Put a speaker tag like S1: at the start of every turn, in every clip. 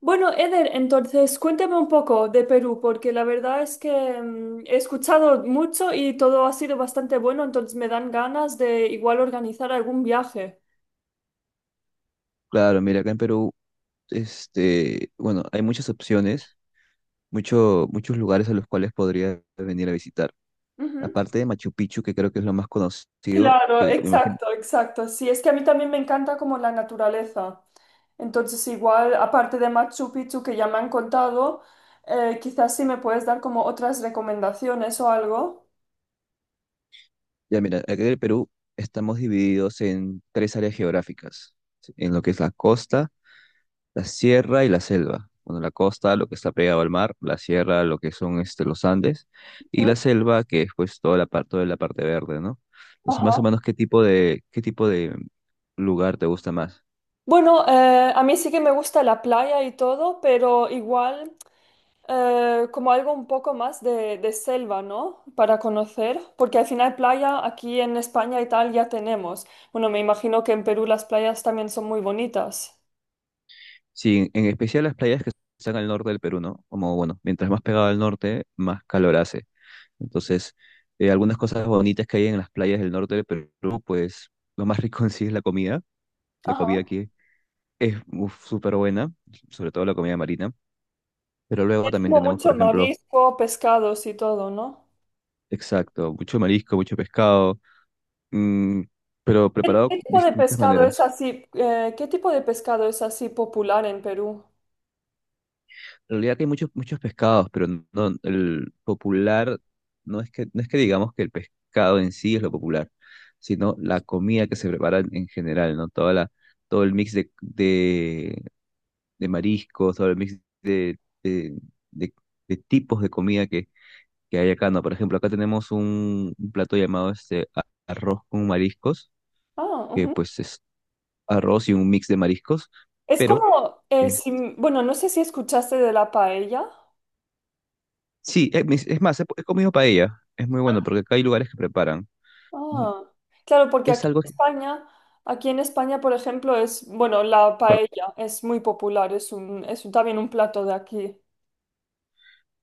S1: Bueno, Eder, entonces cuéntame un poco de Perú, porque la verdad es que he escuchado mucho y todo ha sido bastante bueno, entonces me dan ganas de igual organizar algún viaje.
S2: Claro, mira, acá en Perú, bueno, hay muchas opciones, muchos lugares a los cuales podrías venir a visitar.
S1: Ujú.
S2: Aparte de Machu Picchu, que creo que es lo más conocido,
S1: Claro,
S2: me imagino-
S1: exacto, exacto. Sí, es que a mí también me encanta como la naturaleza. Entonces, igual, aparte de Machu Picchu que ya me han contado, quizás sí me puedes dar como otras recomendaciones o algo.
S2: Ya, mira, acá en el Perú estamos divididos en tres áreas geográficas, ¿sí? En lo que es la costa, la sierra y la selva. Bueno, la costa, lo que está pegado al mar, la sierra, lo que son los Andes, y
S1: Ujú.
S2: la selva, que es pues toda la parte verde, ¿no? Entonces, más o
S1: Ajá.
S2: menos, ¿qué tipo de lugar te gusta más?
S1: Bueno, a mí sí que me gusta la playa y todo, pero igual como algo un poco más de selva, ¿no? Para conocer, porque al final playa aquí en España y tal ya tenemos. Bueno, me imagino que en Perú las playas también son muy bonitas.
S2: Sí, en especial las playas que están al norte del Perú, ¿no? Como, bueno, mientras más pegado al norte, más calor hace. Entonces, algunas cosas bonitas que hay en las playas del norte del Perú, pues lo más rico en sí es la comida. La
S1: Ajá.
S2: comida aquí es uf, súper buena, sobre todo la comida marina. Pero luego
S1: Es
S2: también
S1: como
S2: tenemos,
S1: mucho
S2: por ejemplo,
S1: marisco, pescados y todo, ¿no?
S2: exacto, mucho marisco, mucho pescado, mm, pero
S1: ¿Qué
S2: preparado de
S1: tipo de
S2: distintas
S1: pescado es
S2: maneras.
S1: así? ¿Qué tipo de pescado es así popular en Perú?
S2: En realidad que hay muchos, muchos pescados, pero no, el popular no es que digamos que el pescado en sí es lo popular, sino la comida que se prepara en general, ¿no? Toda la, todo el mix de mariscos, todo el mix de de tipos de comida que hay acá, ¿no? Por ejemplo, acá tenemos un plato llamado a- arroz con mariscos,
S1: Ah,
S2: que
S1: ujú.
S2: pues es arroz y un mix de mariscos,
S1: Es
S2: pero
S1: como,
S2: este,
S1: bueno, no sé si escuchaste de la paella.
S2: sí, es, mis- es más, he comido paella. Es muy bueno porque acá hay lugares que preparan. Mm,
S1: Ah, claro, porque
S2: es
S1: aquí
S2: algo,
S1: en
S2: que-
S1: España, por ejemplo, es, bueno, la
S2: pero,
S1: paella es muy popular, también un plato de aquí.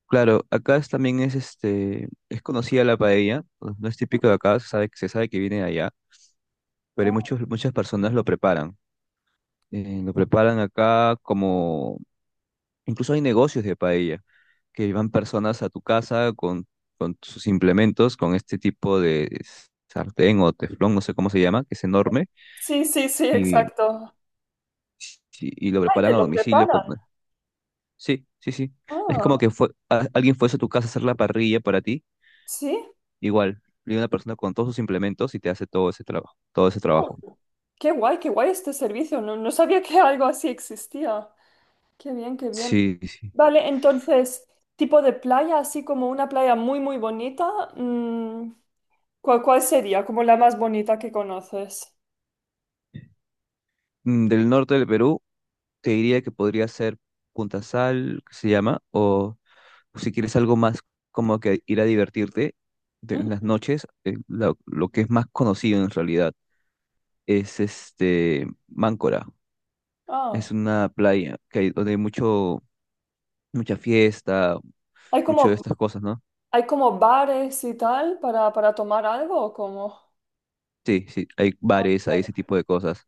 S2: claro, acá es- también es es conocida la paella. No es típico de acá, se sabe que viene de allá, pero hay
S1: Ah,
S2: muchos, muchas personas lo preparan. Lo preparan acá como, incluso hay negocios de paella, que van personas a tu casa con sus implementos, con este tipo de sartén o teflón, no sé cómo se llama, que es enorme,
S1: sí, sí, sí,
S2: y,
S1: exacto.
S2: y lo
S1: Ay, te
S2: preparan a
S1: lo
S2: domicilio.
S1: preparan.
S2: Sí, sí, sí. Es como
S1: Ah,
S2: que fue, a- alguien fuese a tu casa a hacer la parrilla para ti,
S1: sí.
S2: igual. Viene una persona con todos sus implementos y te hace todo ese trabajo, todo ese
S1: Ah,
S2: trabajo.
S1: qué guay este servicio. No, no sabía que algo así existía. Qué bien, qué bien.
S2: Sí, sí.
S1: Vale, entonces, tipo de playa, así como una playa muy, muy bonita, ¿cuál sería? Como la más bonita que conoces.
S2: Mm, del norte del Perú, te diría que podría ser Punta Sal, que se llama, o si quieres algo más como que ir a divertirte de- en las
S1: Ujú.
S2: noches, lo que es más conocido en realidad es Máncora. Es
S1: Ah,
S2: una playa que hay, donde hay mucho, mucha fiesta,
S1: hay
S2: mucho de
S1: como
S2: estas cosas, ¿no?
S1: ¿Hay como bares y tal para tomar algo o cómo?
S2: Sí, sí, hay
S1: Ah,
S2: bares, hay
S1: vale.
S2: ese tipo de cosas.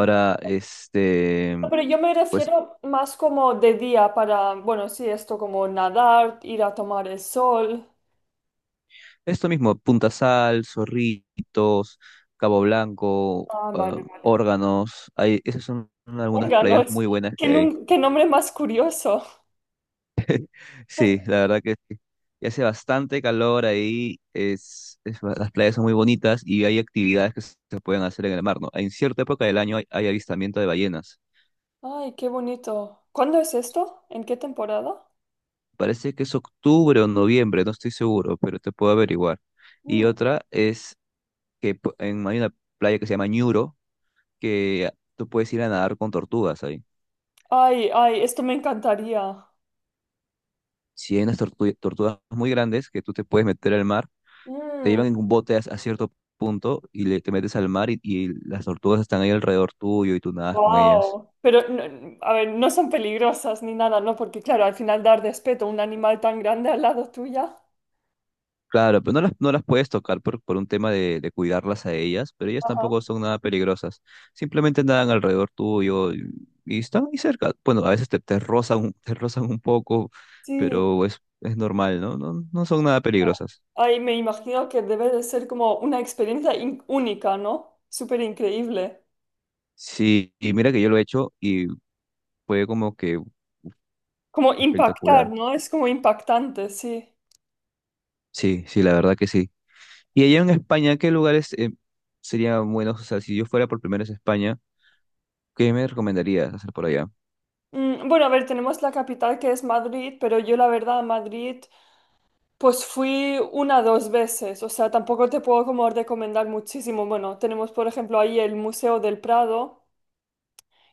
S1: Bueno, pero yo me
S2: pues
S1: refiero más como de día para, bueno, sí, esto como nadar, ir a tomar el sol.
S2: esto mismo, Punta Sal, Zorritos, Cabo Blanco,
S1: Ah,
S2: ah,
S1: vale, vale.
S2: Órganos, hay, esas son algunas playas
S1: Órganos.
S2: muy buenas que hay.
S1: Qué nombre más curioso.
S2: Sí, la verdad que sí. Y hace bastante calor ahí, es ba- las playas son muy bonitas y hay actividades que se pueden hacer en el mar, ¿no? En cierta época del año hay, hay avistamiento de ballenas.
S1: Ay, qué bonito. ¿Cuándo es esto? ¿En qué temporada?
S2: Parece que es octubre o noviembre, no estoy seguro, pero te puedo averiguar. Y
S1: Mm.
S2: otra es que pu- en, hay una playa que se llama Ñuro, que tú puedes ir a nadar con tortugas ahí.
S1: Ay, ay, esto me encantaría.
S2: Si hay unas tortu- tortugas muy grandes que tú te puedes meter al mar, te
S1: Mm.
S2: llevan en un bote a cierto punto y le- te metes al mar y las tortugas están ahí alrededor tuyo y tú nadas con ellas.
S1: Wow, pero no, a ver, no son peligrosas ni nada, ¿no? Porque claro, al final dar respeto a un animal tan grande al lado tuya.
S2: Claro, pero no las puedes tocar por un tema de cuidarlas a ellas, pero ellas
S1: Ajá.
S2: tampoco son nada peligrosas. Simplemente nadan alrededor tuyo y están ahí cerca. Bueno, a veces te rozan un poco,
S1: Sí,
S2: pero es normal, ¿no? No, no son nada peligrosas.
S1: ay, me imagino que debe de ser como una experiencia única, ¿no? Súper increíble.
S2: Sí, y mira que yo lo he hecho y fue como que
S1: Como impactar,
S2: espectacular.
S1: ¿no? Es como impactante, sí.
S2: Sí, sí, la verdad que sí. Y allá en España, ¿qué lugares serían buenos? O sea, si yo fuera por primera vez a España, ¿qué me recomendarías hacer por allá?
S1: Bueno, a ver, tenemos la capital que es Madrid, pero yo la verdad a Madrid pues fui una dos veces, o sea, tampoco te puedo como recomendar muchísimo. Bueno, tenemos por ejemplo ahí el Museo del Prado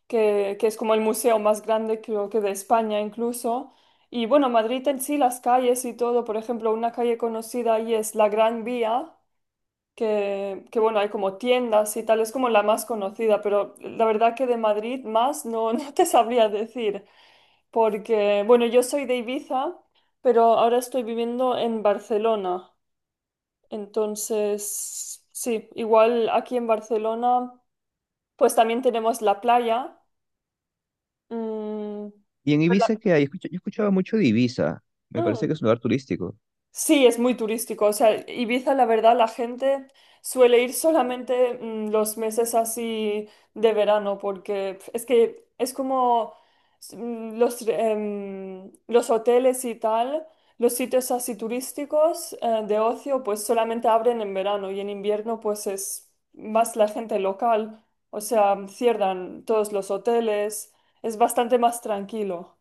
S1: que es como el museo más grande creo que de España incluso. Y bueno, Madrid en sí, las calles y todo, por ejemplo, una calle conocida ahí es la Gran Vía, que bueno, hay como tiendas y tal, es como la más conocida, pero la verdad que de Madrid más no, no te sabría decir, porque bueno, yo soy de Ibiza, pero ahora estoy viviendo en Barcelona, entonces sí, igual aquí en Barcelona, pues también tenemos la playa. mm,
S2: Y en Ibiza, ¿qué hay? Escucha- yo escuchaba mucho de Ibiza. Me parece
S1: Mm,
S2: que es un lugar turístico.
S1: Sí, es muy turístico. O sea, Ibiza, la verdad, la gente suele ir solamente los meses así de verano, porque pf, es que es como los hoteles y tal, los sitios así turísticos de ocio, pues solamente abren en verano y en invierno, pues es más la gente local. O sea, cierran todos los hoteles, es bastante más tranquilo.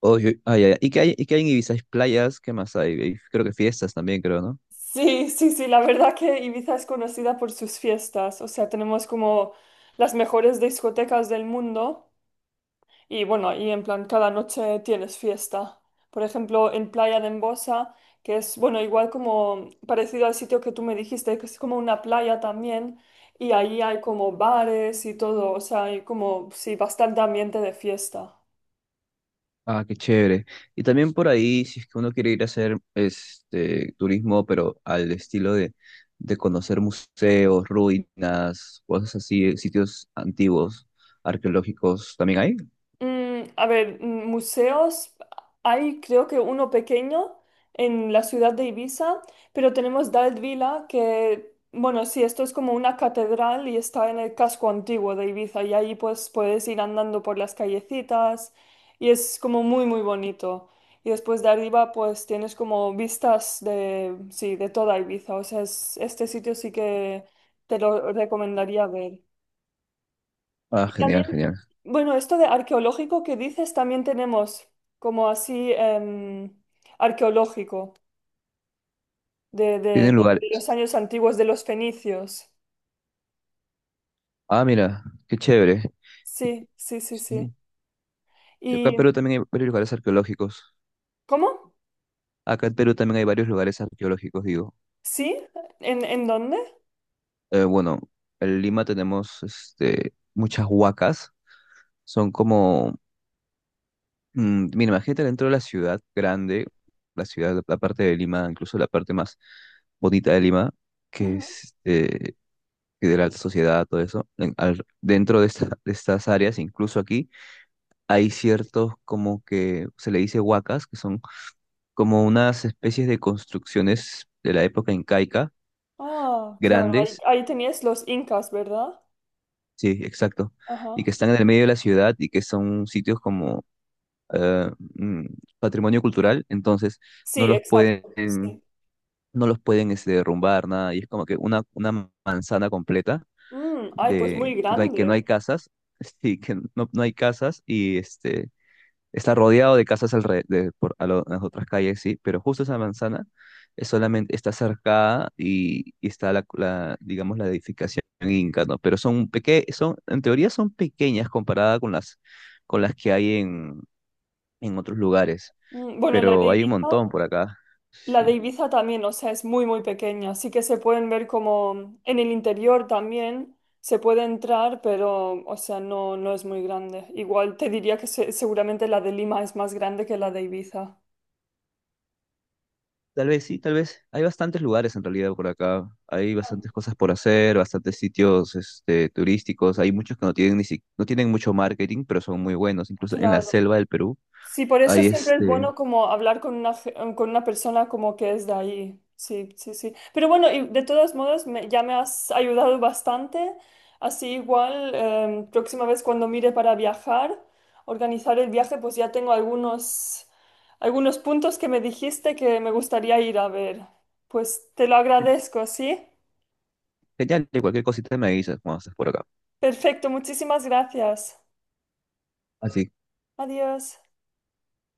S2: Oh, yo- ah, ya, ya. Y qué hay en Ibiza? Hay playas, ¿qué más hay? Hay- creo que fiestas también, creo, ¿no?
S1: Sí, sí, sí, la verdad que Ibiza es conocida por sus fiestas, o sea, tenemos como las mejores discotecas del mundo y bueno, y en plan cada noche tienes fiesta. Por ejemplo, en Playa de Embosa, que es, bueno, igual como parecido al sitio que tú me dijiste, que es como una playa también y ahí hay como bares y todo, o sea, hay como, sí, bastante ambiente de fiesta.
S2: Ah, qué chévere. Y también por ahí, si es que uno quiere ir a hacer turismo, pero al estilo de conocer museos, ruinas, cosas así, sitios antiguos, arqueológicos, ¿también hay?
S1: A ver, museos, hay creo que uno pequeño en la ciudad de Ibiza, pero tenemos Dalvila que, bueno, sí, esto es como una catedral y está en el casco antiguo de Ibiza y ahí pues puedes ir andando por las callecitas y es como muy, muy bonito. Y después de arriba pues tienes como vistas de, sí, de toda Ibiza, o sea, este sitio sí que te lo recomendaría ver.
S2: Ah,
S1: Y también,
S2: genial, genial.
S1: bueno, esto de arqueológico que dices, también tenemos como así arqueológico
S2: Tienen
S1: de
S2: lugares.
S1: los años antiguos de los fenicios.
S2: Ah, mira, qué chévere.
S1: Sí, sí, sí, sí.
S2: Sí. Acá en
S1: ¿Y
S2: Perú también hay varios lugares arqueológicos.
S1: cómo?
S2: Acá en Perú también hay varios lugares arqueológicos, digo.
S1: ¿Sí? En dónde?
S2: Bueno, en Lima tenemos muchas huacas. Son como, mm, mira, imagínate dentro de la ciudad grande, la ciudad, la parte de Lima, incluso la parte más bonita de Lima, que
S1: Ujú.
S2: es que de la alta sociedad, todo eso. En- al- dentro de, esta- de estas áreas, incluso aquí, hay ciertos como que se le dice huacas, que son como unas especies de construcciones de la época incaica,
S1: Ah, claro, ahí,
S2: grandes.
S1: ahí tenías los incas, ¿verdad?
S2: Sí, exacto. Y
S1: Ajá.
S2: que están en el medio de la ciudad y que son sitios como eh, mm, patrimonio cultural, entonces no
S1: Sí,
S2: los pueden,
S1: exacto. Sí.
S2: no los pueden derrumbar, nada. Y es como que una manzana completa
S1: Mm, ay, pues muy
S2: de que no hay
S1: grande.
S2: casas, sí, que no hay casas y está rodeado de casas alre- de- por, a lo- las otras calles, sí, pero justo esa manzana es solamente, está cercada y está la, la, digamos, la edificación inca, ¿no? Pero son peque, son, en teoría son pequeñas comparada con las que hay en otros lugares,
S1: Mm, bueno, la de
S2: pero hay un
S1: Ibiza.
S2: montón por acá,
S1: La de
S2: sí.
S1: Ibiza también, o sea, es muy, muy pequeña. Así que se pueden ver como en el interior también se puede entrar, pero, o sea, no, no es muy grande. Igual te diría que seguramente la de Lima es más grande que la de Ibiza.
S2: Tal vez sí, tal vez. Hay bastantes lugares en realidad por acá. Hay bastantes cosas por hacer, bastantes sitios turísticos. Hay muchos que no tienen ni si- no tienen mucho marketing, pero son muy buenos. Incluso en la
S1: Claro.
S2: selva del Perú.
S1: Sí, por eso
S2: Ahí
S1: siempre es
S2: este.
S1: bueno como hablar con una, con una persona como que es de ahí. Sí, sí, sí. Pero bueno, y de todos modos ya me has ayudado bastante. Así igual, próxima vez cuando mire para viajar, organizar el viaje, pues ya tengo algunos, algunos puntos que me dijiste que me gustaría ir a ver. Pues te lo agradezco, ¿sí?
S2: Genial, y cualquier cosita me avisas cuando estés por acá.
S1: Perfecto, muchísimas gracias.
S2: Así
S1: Adiós.